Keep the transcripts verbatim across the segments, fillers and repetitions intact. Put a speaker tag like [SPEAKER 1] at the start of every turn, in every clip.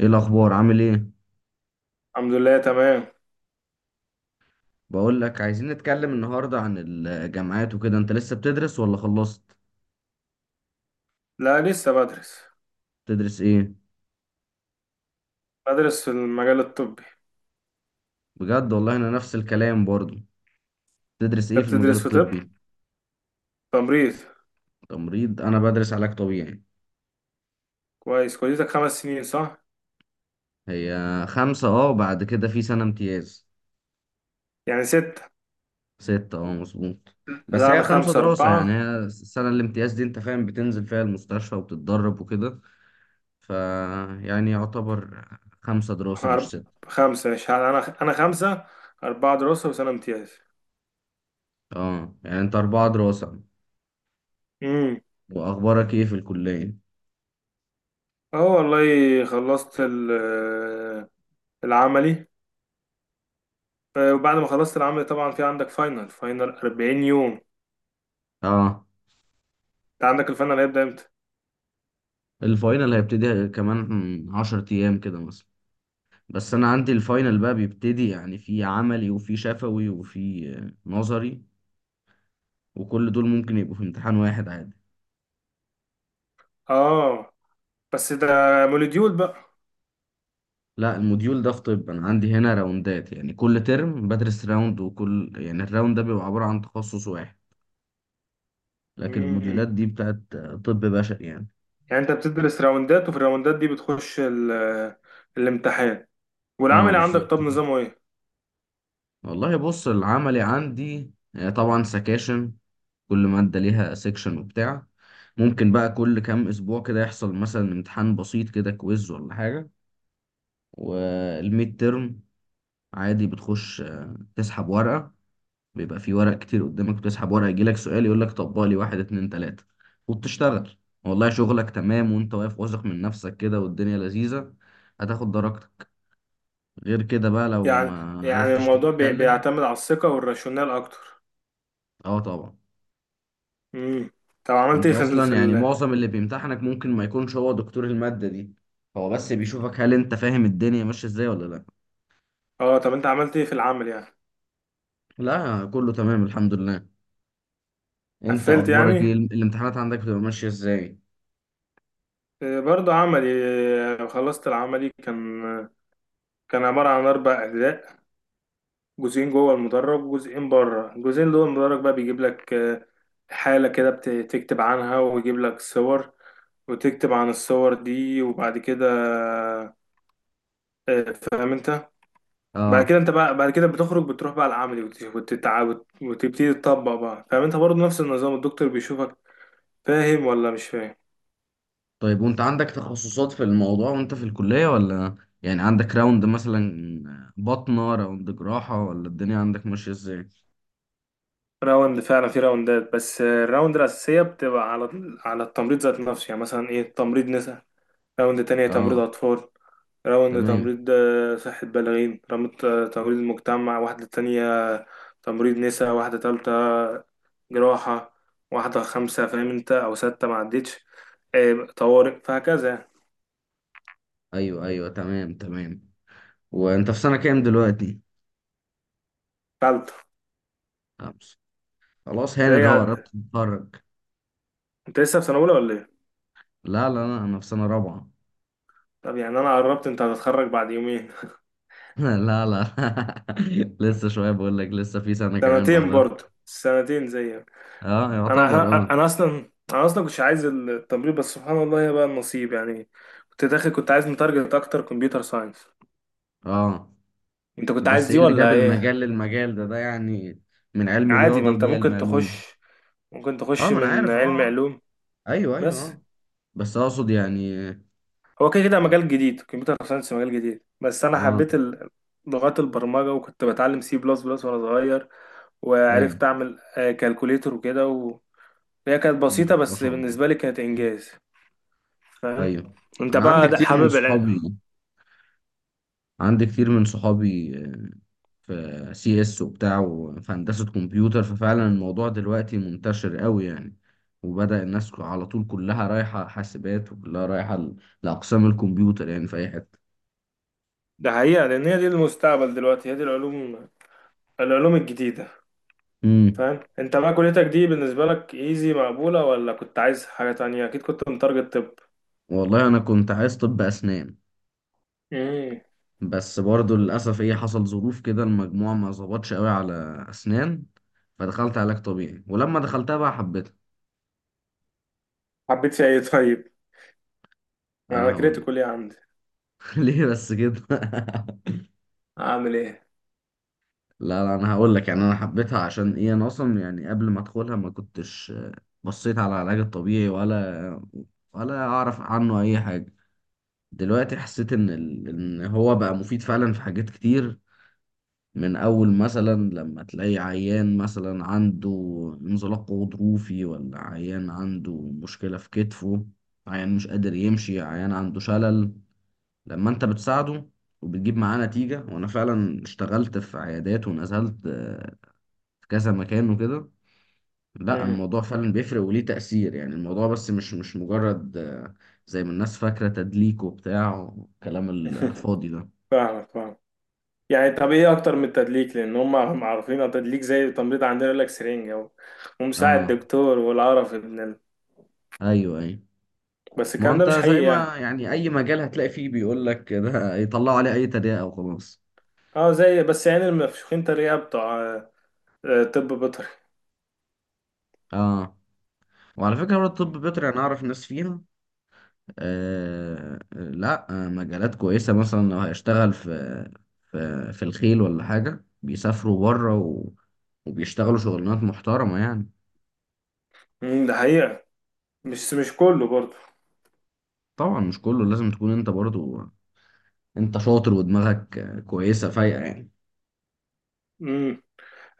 [SPEAKER 1] ايه الاخبار؟ عامل ايه؟
[SPEAKER 2] الحمد لله تمام.
[SPEAKER 1] بقول لك عايزين نتكلم النهارده عن الجامعات وكده. انت لسه بتدرس ولا خلصت؟
[SPEAKER 2] لا، لسه بدرس
[SPEAKER 1] تدرس ايه؟
[SPEAKER 2] بدرس في المجال الطبي.
[SPEAKER 1] بجد؟ والله انا نفس الكلام برضو. تدرس ايه
[SPEAKER 2] انت
[SPEAKER 1] في المجال
[SPEAKER 2] بتدرس في طب؟
[SPEAKER 1] الطبي؟
[SPEAKER 2] تمريض.
[SPEAKER 1] تمريض. انا بدرس علاج طبيعي.
[SPEAKER 2] كويس، كليتك خمس سنين صح؟
[SPEAKER 1] هي خمسة، اه، بعد كده في سنة امتياز.
[SPEAKER 2] يعني ستة.
[SPEAKER 1] ستة، اه، مظبوط. بس
[SPEAKER 2] لا
[SPEAKER 1] هي
[SPEAKER 2] انا
[SPEAKER 1] خمسة
[SPEAKER 2] خمسة،
[SPEAKER 1] دراسة، يعني
[SPEAKER 2] أربعة.
[SPEAKER 1] هي السنة الامتياز دي، انت فاهم، بتنزل فيها المستشفى وبتتدرب وكده. ف يعني يعتبر خمسة دراسة مش
[SPEAKER 2] أرب...
[SPEAKER 1] ستة.
[SPEAKER 2] خمسة، مش ه- انا انا خمسة، أربعة دراسة وسنة امتياز.
[SPEAKER 1] اه، يعني انت أربعة دراسة.
[SPEAKER 2] امم.
[SPEAKER 1] واخبارك ايه في الكلية؟
[SPEAKER 2] اه والله، خلصت ال... العملي. آه، وبعد ما خلصت العملي طبعا في عندك فاينل فاينل أربعين يوم.
[SPEAKER 1] اه،
[SPEAKER 2] انت عندك الفاينل هيبدأ امتى؟
[SPEAKER 1] الفاينل هيبتدي كمان عشر ايام كده مثلا. بس انا عندي الفاينل بقى بيبتدي، يعني في عملي وفي شفوي وفي آه، نظري. وكل دول ممكن يبقوا في امتحان واحد عادي.
[SPEAKER 2] اه، بس ده مولوديول بقى.
[SPEAKER 1] لا، الموديول ده في طب. انا عندي هنا راوندات، يعني كل ترم بدرس راوند. وكل يعني الراوند ده بيبقى عبارة عن تخصص واحد. لكن
[SPEAKER 2] مم.
[SPEAKER 1] الموديولات دي بتاعت آه، طب بشري يعني.
[SPEAKER 2] يعني انت بتدرس راوندات، وفي الراوندات دي بتخش ال- الامتحان.
[SPEAKER 1] اه،
[SPEAKER 2] والعمل عندك،
[SPEAKER 1] بالظبط
[SPEAKER 2] طب
[SPEAKER 1] كده.
[SPEAKER 2] نظامه ايه؟
[SPEAKER 1] والله بص، العملي عندي آه، طبعا سكاشن. كل مادة ليها سيكشن وبتاع. ممكن بقى كل كام أسبوع كده يحصل مثلا امتحان بسيط كده، كويز ولا حاجة. والميد ترم، عادي، بتخش آه، تسحب ورقة. بيبقى في ورق كتير قدامك وتسحب ورقة، يجيلك سؤال يقولك طبق لي واحد اتنين تلاتة. وبتشتغل. والله شغلك تمام وانت واقف واثق من نفسك كده، والدنيا لذيذة. هتاخد درجتك. غير كده بقى لو
[SPEAKER 2] يعني
[SPEAKER 1] ما
[SPEAKER 2] يعني
[SPEAKER 1] عرفتش
[SPEAKER 2] الموضوع بي-
[SPEAKER 1] تتكلم.
[SPEAKER 2] بيعتمد على الثقة والراشونال اكتر.
[SPEAKER 1] اه، طبعا.
[SPEAKER 2] امم. طب عملت
[SPEAKER 1] انت
[SPEAKER 2] ايه في ال... في
[SPEAKER 1] اصلا يعني
[SPEAKER 2] ال...
[SPEAKER 1] معظم اللي بيمتحنك ممكن ما يكونش هو دكتور المادة دي. هو بس بيشوفك هل انت فاهم الدنيا ماشية ازاي ولا لا.
[SPEAKER 2] اه، طب انت عملت ايه في العمل يعني؟
[SPEAKER 1] لا، كله تمام الحمد لله. انت
[SPEAKER 2] قفلت
[SPEAKER 1] اخبارك ايه؟
[SPEAKER 2] يعني.
[SPEAKER 1] الامتحانات عندك بتبقى ماشية ازاي؟
[SPEAKER 2] آه، برضه عملي. آه، خلصت العملي، كان كان عبارة عن أربع أجزاء. جزئين جوه المدرج وجزئين بره. الجزئين جوه المدرج بقى بيجيب لك آه، حالة كده بت- تكتب عنها، ويجيب لك صور وتكتب عن الصور دي. وبعد كده آه، فاهم انت؟ بعد
[SPEAKER 1] اه،
[SPEAKER 2] كده انت بقى بعد كده بتخرج، بتروح بقى العملي وت- وتتع- وت- وتبتدي تطبق بقى، فاهم انت؟ برضه نفس النظام، الدكتور بيشوفك فاهم ولا مش فاهم.
[SPEAKER 1] طيب. وانت عندك تخصصات في الموضوع وانت في الكلية ولا؟ يعني عندك راوند مثلا بطنة، راوند جراحة، ولا الدنيا عندك ماشية ازاي؟
[SPEAKER 2] راوند. فعلا في راوندات بس، آه، الراوند الأساسية بتبقى على على التمريض ذات نفسه. يعني مثلا، ايه، تمريض نساء. راوند تانية تمريض
[SPEAKER 1] اه،
[SPEAKER 2] أطفال. راوند
[SPEAKER 1] تمام.
[SPEAKER 2] تمريض آه، صحة بالغين، رمت آه، تمريض مجتمع واحدة تانية. تمريض نساء واحدة تالتة. جراحة. واحدة خمسة، فاهم انت، أو ستة معدتش. آه، طوارئ، فهكذا يعني.
[SPEAKER 1] ايوه، ايوه، تمام، تمام. وانت في سنة كام دلوقتي؟
[SPEAKER 2] تالتة.
[SPEAKER 1] خمسة؟ خلاص هانت
[SPEAKER 2] تلاقيه
[SPEAKER 1] اهو،
[SPEAKER 2] عد.
[SPEAKER 1] قربت تتخرج.
[SPEAKER 2] انت لسه في سنة أولى ولا ايه؟
[SPEAKER 1] لا لا لا، انا في سنة رابعة.
[SPEAKER 2] طب يعني أنا قربت، انت هتتخرج بعد يومين.
[SPEAKER 1] لا، لا. لسه شوية، بقول لك لسه في سنة كمان
[SPEAKER 2] سنتين،
[SPEAKER 1] بعدها.
[SPEAKER 2] برضه سنتين زيك.
[SPEAKER 1] اه،
[SPEAKER 2] أنا
[SPEAKER 1] يعتبر،
[SPEAKER 2] أنا
[SPEAKER 1] اه.
[SPEAKER 2] أنا أصلا أنا أصلا كنتش عايز التمريض، بس سبحان الله هي بقى النصيب يعني. كنت داخل كنت عايز متارجت أكتر، كمبيوتر ساينس.
[SPEAKER 1] اه،
[SPEAKER 2] انت كنت عايز
[SPEAKER 1] بس ايه
[SPEAKER 2] دي
[SPEAKER 1] اللي جاب
[SPEAKER 2] ولا
[SPEAKER 1] المجال
[SPEAKER 2] ايه؟
[SPEAKER 1] للمجال ده ده يعني؟ من علم
[SPEAKER 2] عادي، ما
[SPEAKER 1] رياضة
[SPEAKER 2] انت
[SPEAKER 1] ودي علم
[SPEAKER 2] ممكن
[SPEAKER 1] علوم.
[SPEAKER 2] تخش، ممكن
[SPEAKER 1] اه،
[SPEAKER 2] تخش
[SPEAKER 1] ما انا
[SPEAKER 2] من
[SPEAKER 1] عارف، اه،
[SPEAKER 2] علم
[SPEAKER 1] آه.
[SPEAKER 2] علوم.
[SPEAKER 1] ايوه، ايوه،
[SPEAKER 2] بس
[SPEAKER 1] اه. بس اقصد يعني.
[SPEAKER 2] هو كده كده مجال جديد، كمبيوتر ساينس مجال جديد، بس انا
[SPEAKER 1] اه،
[SPEAKER 2] حبيت ال- لغات البرمجة. وكنت بتعلم سي بلس بلس وانا صغير،
[SPEAKER 1] ايوه.
[SPEAKER 2] وعرفت اعمل كالكوليتر وكده و- وهي كانت بسيطة،
[SPEAKER 1] مم، ما
[SPEAKER 2] بس
[SPEAKER 1] شاء الله.
[SPEAKER 2] بالنسبة لي كانت انجاز. فاهم
[SPEAKER 1] ايوه.
[SPEAKER 2] انت؟
[SPEAKER 1] انا عندي
[SPEAKER 2] بقى ده
[SPEAKER 1] كتير من
[SPEAKER 2] حابب الع-
[SPEAKER 1] صحابي عندي كتير من صحابي في سي اس وبتاع، وفي هندسة كمبيوتر. ففعلا الموضوع دلوقتي منتشر قوي يعني. وبدأ الناس على طول كلها رايحة حاسبات، وكلها رايحة ل- لأقسام الكمبيوتر يعني في أي حتة.
[SPEAKER 2] ده حقيقة، لان هي دي المستقبل دلوقتي، هي دي العلوم العلوم الجديدة.
[SPEAKER 1] امم.
[SPEAKER 2] فاهم انت؟ بقى كليتك دي بالنسبة لك ايزي مقبولة، ولا كنت عايز حاجة تانية؟ اكيد كنت متارجت.
[SPEAKER 1] والله أنا كنت عايز طب أسنان.
[SPEAKER 2] طب.
[SPEAKER 1] بس برضه للأسف إيه، حصل ظروف كده، المجموع ما ظبطش قوي على أسنان. فدخلت علاج طبيعي ولما دخلتها بقى حبيتها.
[SPEAKER 2] حبيت فيها ايه طيب؟ انا
[SPEAKER 1] أنا هقولك.
[SPEAKER 2] كريتيكال ايه عندي؟
[SPEAKER 1] ليه بس كده؟
[SPEAKER 2] اعمل ايه؟
[SPEAKER 1] لا، لا، انا هقول لك. يعني انا حبيتها عشان ايه، انا اصلا يعني قبل ما ادخلها ما كنتش آه، بصيت على العلاج الطبيعي، ولا ولا اعرف عنه اي حاجه. دلوقتي حسيت ان ال- ان هو بقى مفيد فعلا في حاجات كتير. من اول مثلا لما تلاقي عيان مثلا عنده انزلاق غضروفي، ولا عيان عنده مشكله في كتفه، عيان مش قادر يمشي، عيان عنده شلل. لما انت بتساعده وبتجيب معاه نتيجة. وأنا فعلا اشتغلت في عيادات، ونزلت آه، في كذا مكان وكده. لا،
[SPEAKER 2] امم.
[SPEAKER 1] الموضوع فعلا بيفرق وليه تأثير يعني. الموضوع بس مش مش مجرد، آه، زي ما الناس فاكرة، تدليك وبتاع والكلام الفاضي ده.
[SPEAKER 2] فاهمك، فاهم. يعني طب ايه اكتر من التدليك؟ لان هم عارفين التدليك زي التمريض عندنا، يقول لك سرنجة و- ومساعد
[SPEAKER 1] اه،
[SPEAKER 2] دكتور والقرف ابن ال-
[SPEAKER 1] ايوه، ايوه.
[SPEAKER 2] بس
[SPEAKER 1] ما هو
[SPEAKER 2] الكلام ده
[SPEAKER 1] انت
[SPEAKER 2] مش
[SPEAKER 1] زي
[SPEAKER 2] حقيقي
[SPEAKER 1] ما
[SPEAKER 2] يعني.
[SPEAKER 1] يعني اي مجال هتلاقي فيه بيقول لك ده، يطلعوا عليه اي تريقة وخلاص.
[SPEAKER 2] اه، زي بس يعني المفشوخين تريقة بتوع آه، آه، طب بيطري.
[SPEAKER 1] اه، وعلى فكرة برضه الطب البيطري انا اعرف ناس فيها. آه لا، آه، مجالات كويسة. مثلا لو هيشتغل في في في الخيل ولا حاجة، بيسافروا بره و... وبيشتغلوا شغلانات محترمة يعني.
[SPEAKER 2] امم. ده حقيقة، مش مش كله برضه.
[SPEAKER 1] طبعا مش كله، لازم تكون انت برضو انت شاطر ودماغك كويسة فايقة يعني.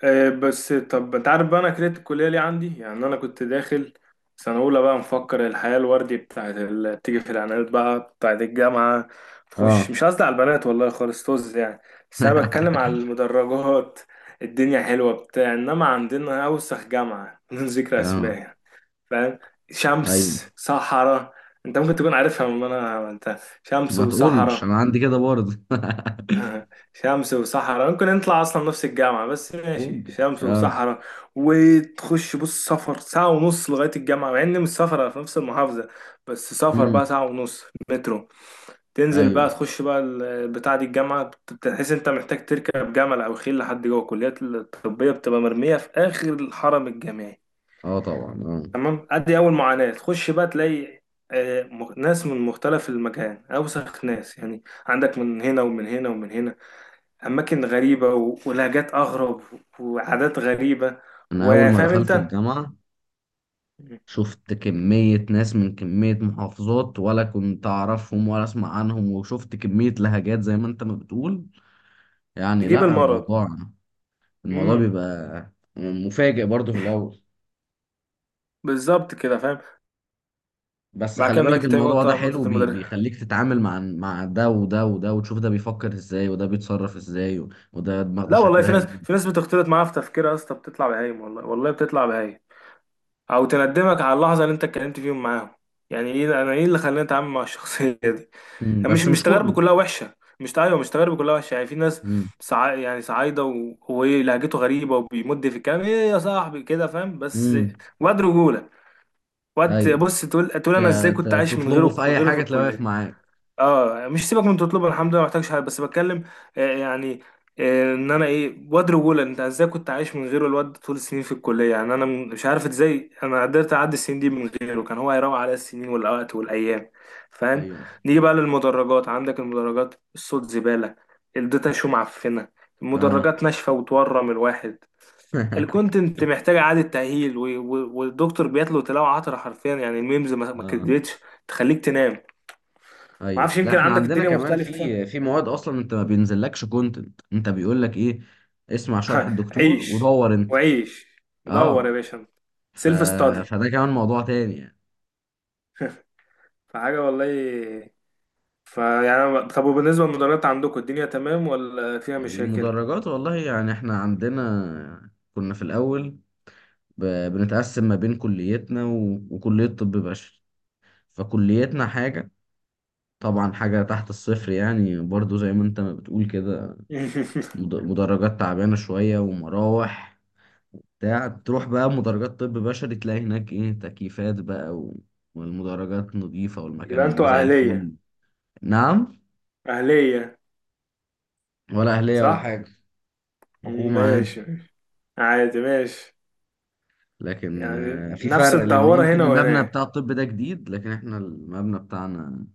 [SPEAKER 2] آه، بس طب انت عارف بقى انا كرهت الكليه ليه عندي؟ يعني انا كنت داخل سنه اولى بقى، مفكر الحياه الوردي بتاعت اللي بتيجي في الاعلانات بقى بتاعت الجامعه. تخش،
[SPEAKER 1] اه،
[SPEAKER 2] مش قصدي على البنات والله خالص طز يعني. بس انا بتكلم على المدرجات. الدنيا حلوه بتاع، انما عندنا اوسخ جامعه بدون ذكر اسماء
[SPEAKER 1] اه،
[SPEAKER 2] يعني. فاهم.
[SPEAKER 1] ايوه.
[SPEAKER 2] شمس صحراء. انت ممكن تكون عارفها، من انا عملتها شمس
[SPEAKER 1] ما تقولش انا
[SPEAKER 2] وصحراء.
[SPEAKER 1] عندي كده برضه.
[SPEAKER 2] شمس وصحراء، ممكن نطلع اصلا نفس الجامعة. بس ماشي،
[SPEAKER 1] ممكن.
[SPEAKER 2] شمس
[SPEAKER 1] اه.
[SPEAKER 2] وصحراء. وتخش بص، سفر ساعة ونص لغاية الجامعة، مع ان مش سفر في نفس المحافظة، بس سفر
[SPEAKER 1] امم.
[SPEAKER 2] بقى ساعة ونص. مترو. تنزل بقى
[SPEAKER 1] ايوه،
[SPEAKER 2] تخش بقى ال- بتاع دي الجامعة، بتحس انت محتاج تركب جمل او خيل لحد جوه. الكليات الطبية بتبقى مرمية في اخر الحرم الجامعي.
[SPEAKER 1] اه، طبعا، اه.
[SPEAKER 2] تمام. ادي اول معاناة، تخش بقى تلاقي آه، م- ناس من مختلف المكان، اوسخ ناس يعني، عندك من هنا ومن هنا ومن هنا. اماكن غريبه و- ولهجات اغرب، وعادات غريبه.
[SPEAKER 1] انا اول ما
[SPEAKER 2] وفاهم
[SPEAKER 1] دخلت
[SPEAKER 2] انت،
[SPEAKER 1] الجامعه شفت كميه ناس من كميه محافظات ولا كنت اعرفهم ولا اسمع عنهم. وشفت كميه لهجات زي ما انت ما بتقول. يعني
[SPEAKER 2] تجيب
[SPEAKER 1] لا،
[SPEAKER 2] المرض.
[SPEAKER 1] الموضوع الموضوع
[SPEAKER 2] امم.
[SPEAKER 1] بيبقى مفاجئ برضه في الاول.
[SPEAKER 2] بالظبط كده، فاهم.
[SPEAKER 1] بس
[SPEAKER 2] بعد
[SPEAKER 1] خلي
[SPEAKER 2] كده نيجي
[SPEAKER 1] بالك
[SPEAKER 2] لتاني
[SPEAKER 1] الموضوع ده
[SPEAKER 2] نقطه
[SPEAKER 1] حلو،
[SPEAKER 2] نقطه
[SPEAKER 1] بي
[SPEAKER 2] المدرس.
[SPEAKER 1] بيخليك تتعامل مع مع ده وده وده، وتشوف ده بيفكر ازاي وده بيتصرف ازاي، و- وده دماغه
[SPEAKER 2] لا والله، في
[SPEAKER 1] شكلها
[SPEAKER 2] ناس
[SPEAKER 1] ايه.
[SPEAKER 2] في ناس بتختلط معاها في تفكيرها يا اسطى بتطلع بهايم، والله والله بتطلع بهايم، او تندمك على اللحظه اللي انت اتكلمت فيهم معاهم. يعني ايه، انا ايه اللي خلاني اتعامل مع الشخصيه دي؟
[SPEAKER 1] مم.
[SPEAKER 2] يعني مش
[SPEAKER 1] بس
[SPEAKER 2] مش
[SPEAKER 1] مش
[SPEAKER 2] تجاربي
[SPEAKER 1] كله.
[SPEAKER 2] كلها وحشه، مش ايوه، مش تجاربي كلها وحشه يعني، في ناس.
[SPEAKER 1] مم.
[SPEAKER 2] سع... يعني صعايده وهو ايه، لهجته غريبه وبيمد في الكلام ايه يا صاحبي كده، فاهم، بس
[SPEAKER 1] مم.
[SPEAKER 2] واد رجوله. واد
[SPEAKER 1] ايوه.
[SPEAKER 2] بص، تقول تقول
[SPEAKER 1] ت-
[SPEAKER 2] انا ازاي كنت
[SPEAKER 1] ت-
[SPEAKER 2] عايش من
[SPEAKER 1] تطلبه في
[SPEAKER 2] غيره
[SPEAKER 1] اي
[SPEAKER 2] غيره في
[SPEAKER 1] حاجه تلاقيه واقف
[SPEAKER 2] الكليه.
[SPEAKER 1] معاك.
[SPEAKER 2] اه مش سيبك من تطلبها، الحمد لله ما محتاجش حاجه، بس بتكلم. آه، يعني، آه، ان انا ايه، واد رجوله، انت ازاي كنت عايش من غيره الواد طول السنين في الكليه. يعني انا م- مش عارف ازاي انا قدرت اعدي السنين دي من غيره، كان هو هيروق على السنين والوقت والايام. فاهم.
[SPEAKER 1] ايوه،
[SPEAKER 2] نيجي بقى للمدرجات. عندك المدرجات الصوت زباله، الداتا شو معفنه،
[SPEAKER 1] اه.
[SPEAKER 2] المدرجات ناشفه وتورم الواحد، الكونتنت محتاج اعاده تاهيل، و- و- والدكتور بيتلو تلاوه عطره حرفيا، يعني الميمز ما ما
[SPEAKER 1] اه،
[SPEAKER 2] كدتش تخليك تنام. ما
[SPEAKER 1] ايوه.
[SPEAKER 2] اعرفش،
[SPEAKER 1] لا،
[SPEAKER 2] يمكن
[SPEAKER 1] احنا
[SPEAKER 2] عندك
[SPEAKER 1] عندنا
[SPEAKER 2] الدنيا
[SPEAKER 1] كمان
[SPEAKER 2] مختلفة.
[SPEAKER 1] في في مواد اصلا انت ما بينزلكش كونتنت. انت بيقول لك ايه، اسمع شرح الدكتور
[SPEAKER 2] عيش
[SPEAKER 1] ودور انت.
[SPEAKER 2] وعيش، ودور يا
[SPEAKER 1] اه،
[SPEAKER 2] باشا انت.
[SPEAKER 1] ف...
[SPEAKER 2] سيلف ستادي.
[SPEAKER 1] فده كمان موضوع تاني يعني.
[SPEAKER 2] فحاجة والله. فيعني أنا- طب، وبالنسبة للمدرسة عندكم الدنيا تمام ولا فيها مشاكل؟
[SPEAKER 1] المدرجات، والله يعني احنا عندنا كنا في الأول ب- بنتقسم ما بين كليتنا و- وكلية طب بشري. فكليتنا حاجة، طبعا حاجة تحت الصفر يعني برضو زي ما انت ما بتقول كده. مد- مدرجات تعبانة شوية ومراوح بتاع تروح بقى مدرجات طب بشري تلاقي هناك ايه، تكييفات بقى و... والمدرجات نظيفة
[SPEAKER 2] يبقى انتوا
[SPEAKER 1] والمكان زي
[SPEAKER 2] أهلية؟
[SPEAKER 1] الفل. نعم.
[SPEAKER 2] أهلية.
[SPEAKER 1] ولا أهلية ولا
[SPEAKER 2] صح؟
[SPEAKER 1] حاجة،
[SPEAKER 2] ماشي.
[SPEAKER 1] حكومة عادي.
[SPEAKER 2] ماشي، عادي، ماشي.
[SPEAKER 1] لكن
[SPEAKER 2] يعني
[SPEAKER 1] آه، في
[SPEAKER 2] نفس
[SPEAKER 1] فرق لان
[SPEAKER 2] الدورة
[SPEAKER 1] يمكن
[SPEAKER 2] هنا
[SPEAKER 1] المبنى
[SPEAKER 2] وهناك.
[SPEAKER 1] بتاع الطب ده جديد، لكن احنا المبنى بتاعنا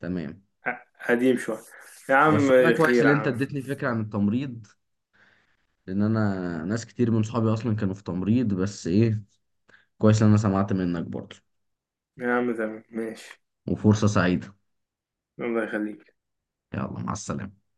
[SPEAKER 1] تمام.
[SPEAKER 2] ق- قديم شوية. يا عم.
[SPEAKER 1] بس والله كويس
[SPEAKER 2] خير
[SPEAKER 1] ان
[SPEAKER 2] يا
[SPEAKER 1] انت
[SPEAKER 2] عم.
[SPEAKER 1] اديتني فكرة عن التمريض، لان انا ناس كتير من صحابي اصلا كانوا في تمريض. بس ايه، كويس ان انا سمعت منك برضه.
[SPEAKER 2] يا عم تمام ماشي.
[SPEAKER 1] وفرصة سعيدة.
[SPEAKER 2] الله يخليك.
[SPEAKER 1] يلا، مع السلامة.